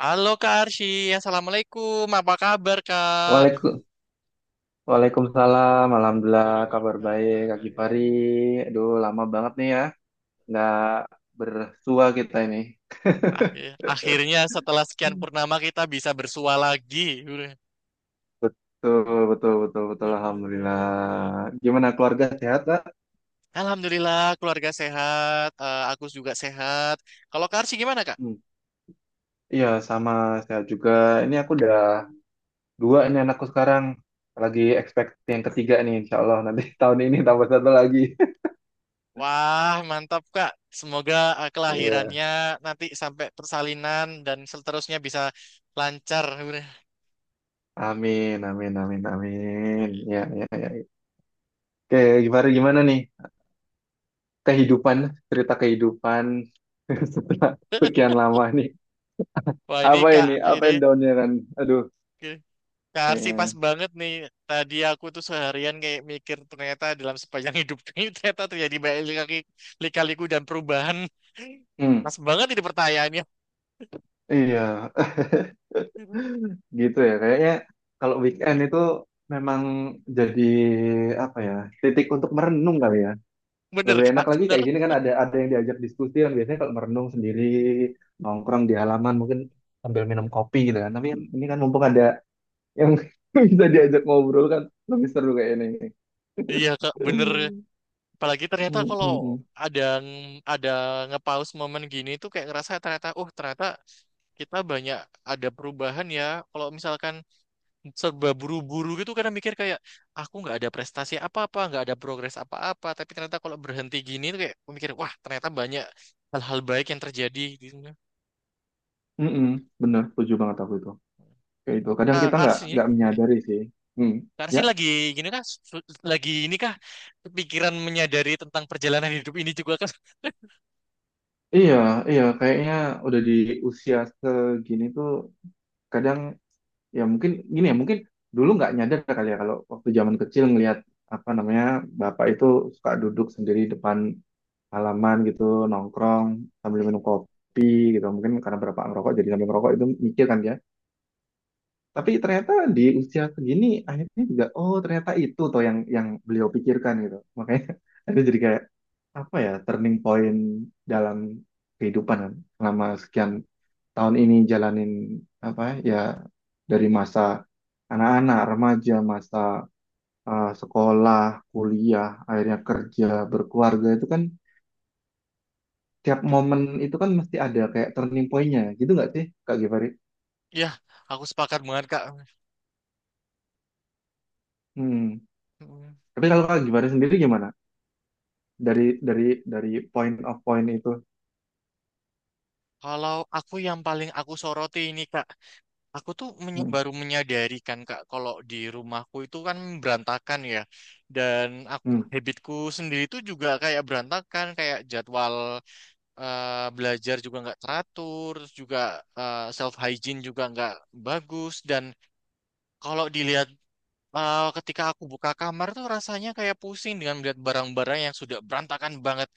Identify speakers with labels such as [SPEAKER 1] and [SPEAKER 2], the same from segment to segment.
[SPEAKER 1] Halo Kak Arsy, Assalamualaikum. Apa kabar Kak?
[SPEAKER 2] Waalaikum, Waalaikumsalam. Alhamdulillah, kabar baik, Kak Gifari. Aduh, lama banget nih ya, nggak bersua kita ini.
[SPEAKER 1] Akhirnya setelah sekian
[SPEAKER 2] Hmm.
[SPEAKER 1] purnama kita bisa bersua lagi.
[SPEAKER 2] Betul, betul, betul, betul. Alhamdulillah. Gimana keluarga sehat, Kak?
[SPEAKER 1] Alhamdulillah keluarga sehat, aku juga sehat. Kalau Kak Arsy gimana Kak?
[SPEAKER 2] Hmm. Iya, sama sehat juga. Ini aku udah dua ini anakku sekarang. Lagi expect yang ketiga nih, insya Allah. Nanti tahun ini tambah satu lagi.
[SPEAKER 1] Wah mantap Kak. Semoga
[SPEAKER 2] Iya.
[SPEAKER 1] kelahirannya nanti sampai persalinan dan seterusnya bisa lancar.
[SPEAKER 2] Amin, amin, amin, amin. Ya, ya, ya. Oke, Gifari gimana nih? Kehidupan, cerita kehidupan setelah sekian lama nih.
[SPEAKER 1] Wah
[SPEAKER 2] Apa ini? Apa
[SPEAKER 1] Ini.
[SPEAKER 2] yang down-nya Ran? Aduh,
[SPEAKER 1] Kak Arsi pas
[SPEAKER 2] kayaknya.
[SPEAKER 1] banget nih. Tadi aku tuh seharian kayak mikir ternyata dalam sepanjang hidup ini ternyata terjadi banyak lika-liku dan perubahan.
[SPEAKER 2] Hmm,
[SPEAKER 1] Pas banget ini pertanyaannya.
[SPEAKER 2] iya. Gitu ya, kayaknya kalau weekend itu memang jadi apa ya, titik untuk merenung kali ya.
[SPEAKER 1] Bener
[SPEAKER 2] Lebih enak
[SPEAKER 1] Kak,
[SPEAKER 2] lagi kayak
[SPEAKER 1] bener.
[SPEAKER 2] gini kan ada yang diajak diskusi kan, biasanya kalau merenung sendiri nongkrong di halaman mungkin sambil minum kopi gitu kan. Tapi ini kan mumpung ada yang bisa diajak ngobrol kan lebih seru kayak ini.
[SPEAKER 1] Iya Kak, bener. Apalagi ternyata
[SPEAKER 2] Mm,
[SPEAKER 1] kalau
[SPEAKER 2] mm, mm.
[SPEAKER 1] ada ada ngepaus momen gini tuh kayak ngerasa ternyata, oh ternyata kita banyak ada perubahan ya. Kalau misalkan serba buru-buru gitu karena mikir kayak aku nggak ada prestasi apa-apa nggak ada progres apa-apa tapi ternyata kalau berhenti gini tuh kayak aku mikir wah ternyata banyak hal-hal baik yang terjadi gitu.
[SPEAKER 2] Mm, mm. Bener, setuju banget aku itu. Kayak itu. Kadang kita
[SPEAKER 1] Kak
[SPEAKER 2] nggak
[SPEAKER 1] Arsi ini
[SPEAKER 2] nggak
[SPEAKER 1] gini.
[SPEAKER 2] menyadari sih. Hmm.
[SPEAKER 1] Kak Arsi
[SPEAKER 2] Ya,
[SPEAKER 1] lagi gini kan lagi ini kah pikiran menyadari tentang perjalanan hidup ini juga kan.
[SPEAKER 2] iya, iya. Kayaknya udah di usia segini tuh kadang ya mungkin gini, ya mungkin dulu nggak nyadar kali ya kalau waktu zaman kecil ngelihat apa namanya bapak itu suka duduk sendiri depan halaman gitu, nongkrong sambil minum kopi gitu, mungkin karena bapak ngerokok jadi sambil ngerokok itu mikir kan dia. Tapi ternyata di usia segini akhirnya juga, oh ternyata itu toh yang beliau pikirkan gitu. Makanya itu jadi kayak apa ya, turning point dalam kehidupan kan. Selama sekian tahun ini jalanin apa ya, dari masa anak-anak, remaja, masa sekolah, kuliah, akhirnya kerja, berkeluarga itu kan tiap momen itu kan mesti ada kayak turning point-nya gitu nggak sih Kak Givari?
[SPEAKER 1] Ya, aku sepakat banget Kak.
[SPEAKER 2] Hmm.
[SPEAKER 1] Hmm.
[SPEAKER 2] Tapi kalau Kak Givari sendiri gimana? dari dari dari point of point itu.
[SPEAKER 1] Kalau aku yang paling aku soroti ini Kak. Aku tuh
[SPEAKER 2] Hmm.
[SPEAKER 1] baru menyadari kan Kak kalau di rumahku itu kan berantakan ya. Dan aku
[SPEAKER 2] Hmm.
[SPEAKER 1] habitku sendiri tuh juga kayak berantakan, kayak jadwal belajar juga nggak teratur, terus juga self hygiene juga nggak bagus dan kalau dilihat ketika aku buka kamar tuh rasanya kayak pusing dengan melihat barang-barang yang sudah berantakan banget.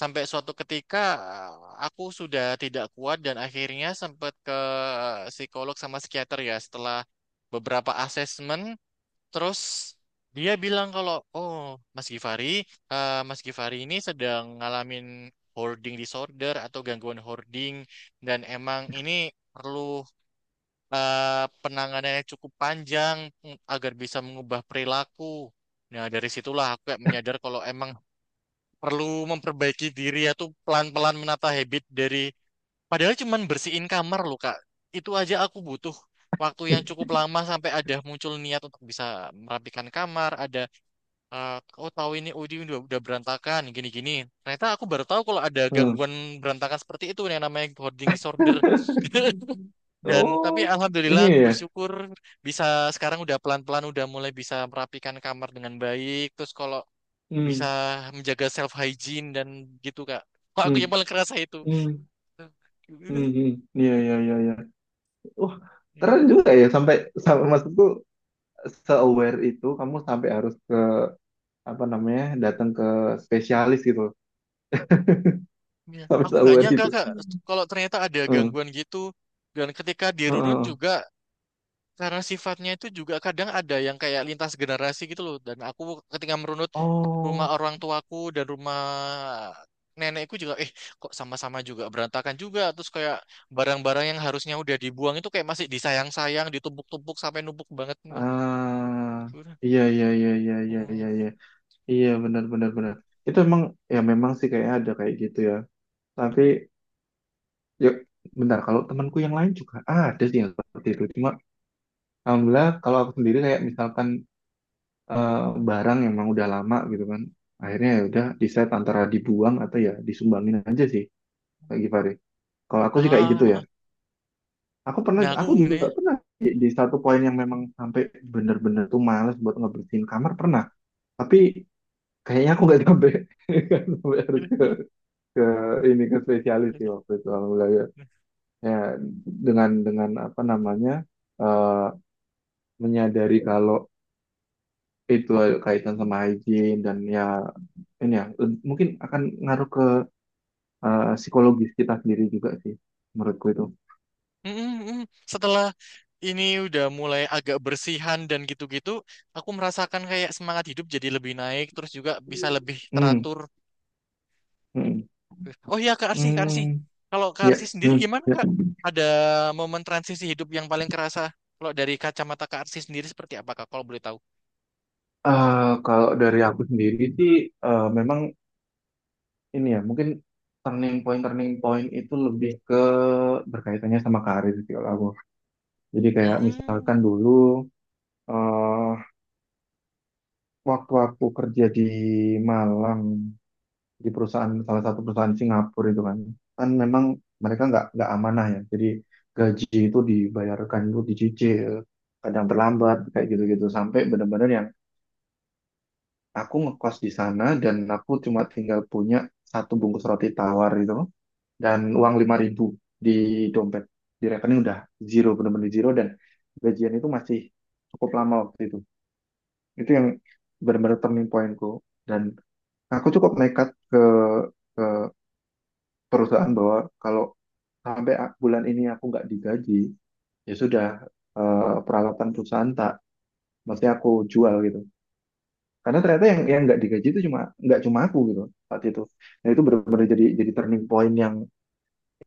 [SPEAKER 1] Sampai suatu ketika eh, aku sudah tidak kuat dan akhirnya sempat ke psikolog sama psikiater ya setelah beberapa asesmen. Terus dia bilang kalau, oh Mas Gifari, Mas Gifari ini sedang ngalamin hoarding disorder atau gangguan hoarding dan emang ini perlu penanganan yang cukup panjang, agar bisa mengubah perilaku. Nah, dari situlah aku kayak menyadar kalau emang perlu memperbaiki diri atau pelan-pelan menata habit dari padahal cuman bersihin kamar loh, Kak. Itu aja aku butuh waktu yang cukup lama sampai ada muncul niat untuk bisa merapikan kamar, ada eh, oh tahu ini oh, ini udah berantakan gini-gini. Ternyata aku baru tahu kalau ada
[SPEAKER 2] Hmm.
[SPEAKER 1] gangguan berantakan seperti itu yang namanya hoarding disorder. Dan tapi
[SPEAKER 2] Oh,
[SPEAKER 1] alhamdulillah
[SPEAKER 2] iya.
[SPEAKER 1] aku
[SPEAKER 2] Ya.
[SPEAKER 1] bersyukur bisa sekarang udah pelan-pelan udah mulai bisa merapikan kamar dengan baik. Terus kalau bisa
[SPEAKER 2] Hmm.
[SPEAKER 1] menjaga self hygiene dan gitu Kak. Kok aku
[SPEAKER 2] Hmm.
[SPEAKER 1] yang paling kerasa itu.
[SPEAKER 2] Hmm. Hmm. Hmm. Iya, iya, iya, iya. Wah, keren juga ya, sampai sampai maksudku se-aware itu kamu sampai harus ke apa namanya? Datang ke spesialis gitu.
[SPEAKER 1] Ya,
[SPEAKER 2] Sampai
[SPEAKER 1] aku nggak
[SPEAKER 2] se-aware
[SPEAKER 1] nyangka
[SPEAKER 2] itu.
[SPEAKER 1] Kak kalau ternyata ada
[SPEAKER 2] Heeh.
[SPEAKER 1] gangguan gitu. Dan ketika di runut
[SPEAKER 2] Heeh.
[SPEAKER 1] juga. Karena sifatnya itu juga kadang ada yang kayak lintas generasi gitu loh. Dan aku ketika merunut rumah
[SPEAKER 2] Oh,
[SPEAKER 1] orang tuaku dan rumah nenekku juga, kok sama-sama juga berantakan juga. Terus kayak barang-barang yang harusnya udah dibuang itu kayak masih disayang-sayang, ditumpuk-tumpuk sampai numpuk banget.
[SPEAKER 2] ah,
[SPEAKER 1] Gimana?
[SPEAKER 2] iya, iya, iya, iya, iya, iya, iya. Iya, benar benar benar. Itu emang ya memang sih kayaknya ada kayak gitu ya. Tapi ya bentar, kalau temanku yang lain juga ada sih yang seperti itu. Cuma alhamdulillah kalau aku sendiri kayak misalkan eh, barang yang emang udah lama gitu kan. Akhirnya ya udah decide antara dibuang atau ya disumbangin aja sih kayak Givari. Kalau aku sih kayak
[SPEAKER 1] Ah,
[SPEAKER 2] gitu ya.
[SPEAKER 1] ah.
[SPEAKER 2] Aku pernah
[SPEAKER 1] Nah aku
[SPEAKER 2] aku juga
[SPEAKER 1] ini.
[SPEAKER 2] pernah di satu poin yang memang sampai bener-bener tuh males buat ngebersihin kamar pernah. Tapi kayaknya aku nggak sampai, nggak sampai harus ke ini ke spesialis sih waktu itu, alhamdulillah ya. Ya, dengan apa namanya eh, menyadari kalau itu kaitan sama hygiene dan ya ini ya le- mungkin akan ngaruh ke psikologis kita sendiri juga sih menurutku itu.
[SPEAKER 1] Mm, mm, mm. Setelah ini udah mulai agak bersihan dan gitu-gitu, aku merasakan kayak semangat hidup jadi lebih naik, terus juga bisa lebih
[SPEAKER 2] Hmm.
[SPEAKER 1] teratur.
[SPEAKER 2] Hmm.
[SPEAKER 1] Oh iya, Kak Arsi, Kak Arsi.
[SPEAKER 2] Hmm.
[SPEAKER 1] Kalau Kak
[SPEAKER 2] Ya.
[SPEAKER 1] Arsi sendiri
[SPEAKER 2] Hmm.
[SPEAKER 1] gimana,
[SPEAKER 2] Ya.
[SPEAKER 1] Kak? Ada momen transisi hidup yang paling kerasa? Kalau dari kacamata Kak Arsi sendiri seperti apa, Kak? Kalau boleh tahu.
[SPEAKER 2] Kalau dari aku sendiri sih memang ini ya mungkin turning point itu lebih ke berkaitannya sama karir sih kalau aku. Jadi kayak misalkan
[SPEAKER 1] Hmm.
[SPEAKER 2] dulu eh waktu aku kerja di Malang di perusahaan, salah satu perusahaan Singapura itu kan, kan memang mereka nggak amanah ya, jadi gaji itu dibayarkan itu dicicil, kadang terlambat kayak gitu-gitu sampai benar-benar yang aku ngekos di sana dan aku cuma tinggal punya satu bungkus roti tawar itu dan uang 5.000 di dompet, di rekening udah zero, benar-benar zero, dan gajian itu masih cukup lama waktu itu. Itu yang benar-benar turning pointku. Dan aku cukup nekat ke perusahaan bahwa kalau sampai bulan ini aku nggak digaji, ya sudah, peralatan perusahaan tak mesti aku jual gitu. Karena ternyata yang nggak digaji itu cuma nggak cuma aku gitu saat itu. Nah itu benar-benar jadi turning point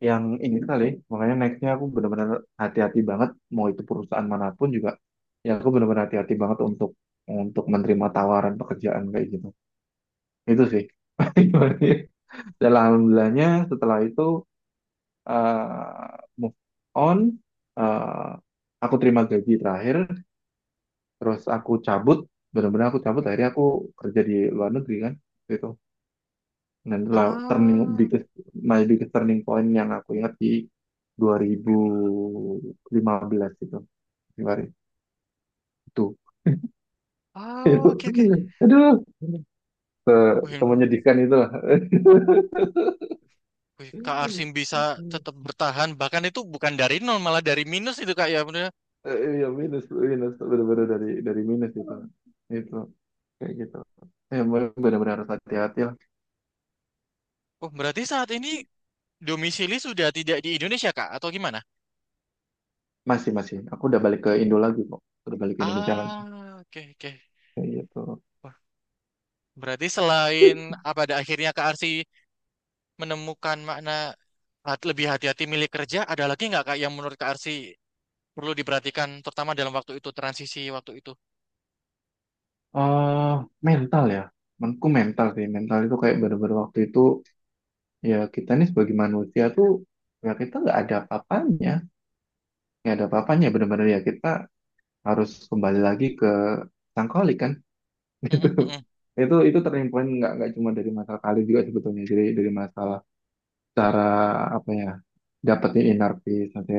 [SPEAKER 2] yang ini kali. Makanya nextnya aku benar-benar hati-hati banget mau itu perusahaan manapun juga. Ya aku benar-benar hati-hati banget untuk menerima tawaran pekerjaan kayak gitu. Itu sih. Dan alhamdulillahnya setelah itu eh, move on, eh, aku terima gaji terakhir, terus aku cabut, benar-benar aku cabut, akhirnya aku kerja di luar negeri kan waktu itu. Dan itulah turning
[SPEAKER 1] Ah.
[SPEAKER 2] biggest, my biggest turning point yang aku ingat di 2015 itu, Februari itu.
[SPEAKER 1] Ah,
[SPEAKER 2] Itu,
[SPEAKER 1] oke, oke.
[SPEAKER 2] aduh,
[SPEAKER 1] Wih,
[SPEAKER 2] menyedihkan itu lah.
[SPEAKER 1] wih, Kak Arsi bisa tetap bertahan, bahkan itu bukan dari nol, malah dari minus itu, Kak, ya. Bener.
[SPEAKER 2] Iya minus, benar-benar dari minus itu kayak gitu ya, benar-benar harus hati-hati lah.
[SPEAKER 1] Oh, berarti saat ini domisili sudah tidak di Indonesia, Kak, atau gimana?
[SPEAKER 2] Masih, masih. Aku udah balik ke Indo lagi kok. Udah balik ke Indonesia lagi.
[SPEAKER 1] Ah, oke, oke.
[SPEAKER 2] Kayak gitu.
[SPEAKER 1] Wah, berarti selain ah, pada akhirnya Kak Arsi menemukan makna lebih hati-hati milik kerja, ada lagi nggak, Kak, yang menurut Kak Arsi perlu diperhatikan, terutama dalam waktu itu, transisi waktu itu?
[SPEAKER 2] eh Mental ya. Menurutku mental sih. Mental itu kayak bener-bener waktu itu, ya kita nih sebagai manusia tuh, ya kita nggak ada apa-apanya. Nggak ada apa-apanya. Bener-bener ya kita harus kembali lagi ke Sangkoli kan.
[SPEAKER 1] Mm,
[SPEAKER 2] Itu,
[SPEAKER 1] mm, mm, mm.
[SPEAKER 2] itu turning point nggak cuma dari masalah kali juga sebetulnya. Jadi dari masalah cara apa ya, dapetin inner peace, nanti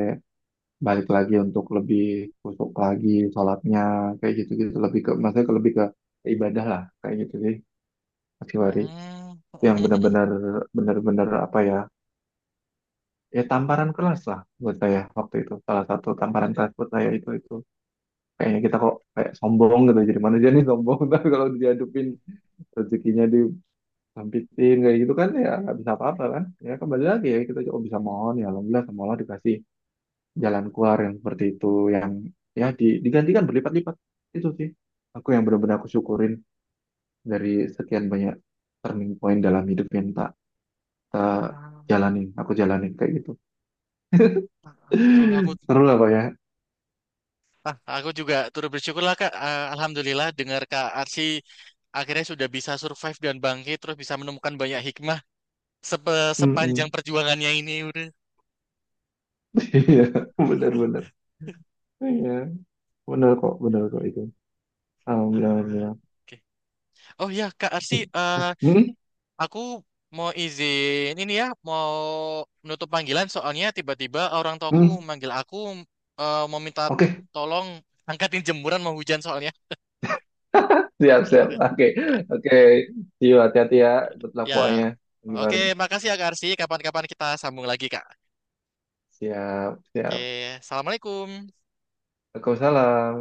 [SPEAKER 2] balik lagi untuk lebih kusuk lagi sholatnya kayak gitu-gitu, lebih ke maksudnya ke- lebih ke ibadah lah kayak gitu sih Mas Hiwari.
[SPEAKER 1] Mm, mm,
[SPEAKER 2] Yang
[SPEAKER 1] mm, mm.
[SPEAKER 2] benar-benar benar-benar apa ya, ya tamparan kelas lah buat saya waktu itu, salah satu tamparan kelas buat saya itu kayaknya kita kok kayak sombong gitu jadi manusia nih sombong tapi kalau diadupin rezekinya, disampitin kayak gitu kan, ya nggak bisa apa-apa kan, ya kembali lagi ya kita cuma bisa mohon ya alhamdulillah semoga dikasih jalan keluar yang seperti itu, yang ya di- digantikan berlipat-lipat. Itu sih aku yang benar-benar aku syukurin dari sekian banyak turning point dalam hidup yang tak tak
[SPEAKER 1] Ah,
[SPEAKER 2] jalanin, aku jalanin kayak gitu.
[SPEAKER 1] ah, ah. Tuh, aku,
[SPEAKER 2] Seru lah pak ya.
[SPEAKER 1] ah, aku juga turut bersyukur lah, Kak. Ah, Alhamdulillah, dengar Kak Arsi akhirnya sudah bisa survive dan bangkit, terus bisa menemukan banyak hikmah sepanjang
[SPEAKER 2] Mm-mm.
[SPEAKER 1] perjuangannya ini.
[SPEAKER 2] Iya benar-benar, iya, benar kok itu alhamdulillah,
[SPEAKER 1] Ah,
[SPEAKER 2] alhamdulillah.
[SPEAKER 1] oke. Oh ya, Kak Arsi,
[SPEAKER 2] Hmm, hmm.
[SPEAKER 1] aku mau izin ini ya, mau menutup panggilan soalnya tiba-tiba orang tuaku
[SPEAKER 2] Hmm?
[SPEAKER 1] manggil aku, mau minta
[SPEAKER 2] Oke,
[SPEAKER 1] tolong angkatin jemuran mau hujan soalnya.
[SPEAKER 2] siap, siap.
[SPEAKER 1] Eh,
[SPEAKER 2] Oke,
[SPEAKER 1] eh,
[SPEAKER 2] oke.
[SPEAKER 1] eh.
[SPEAKER 2] See you, hati-hati ya. Good
[SPEAKER 1] Ya.
[SPEAKER 2] pokoknya. Pagi.
[SPEAKER 1] Oke, makasih ya Kak Arsi. Kapan-kapan kita sambung lagi, Kak.
[SPEAKER 2] Siap, siap.
[SPEAKER 1] Oke, Assalamualaikum.
[SPEAKER 2] Waalaikumsalam.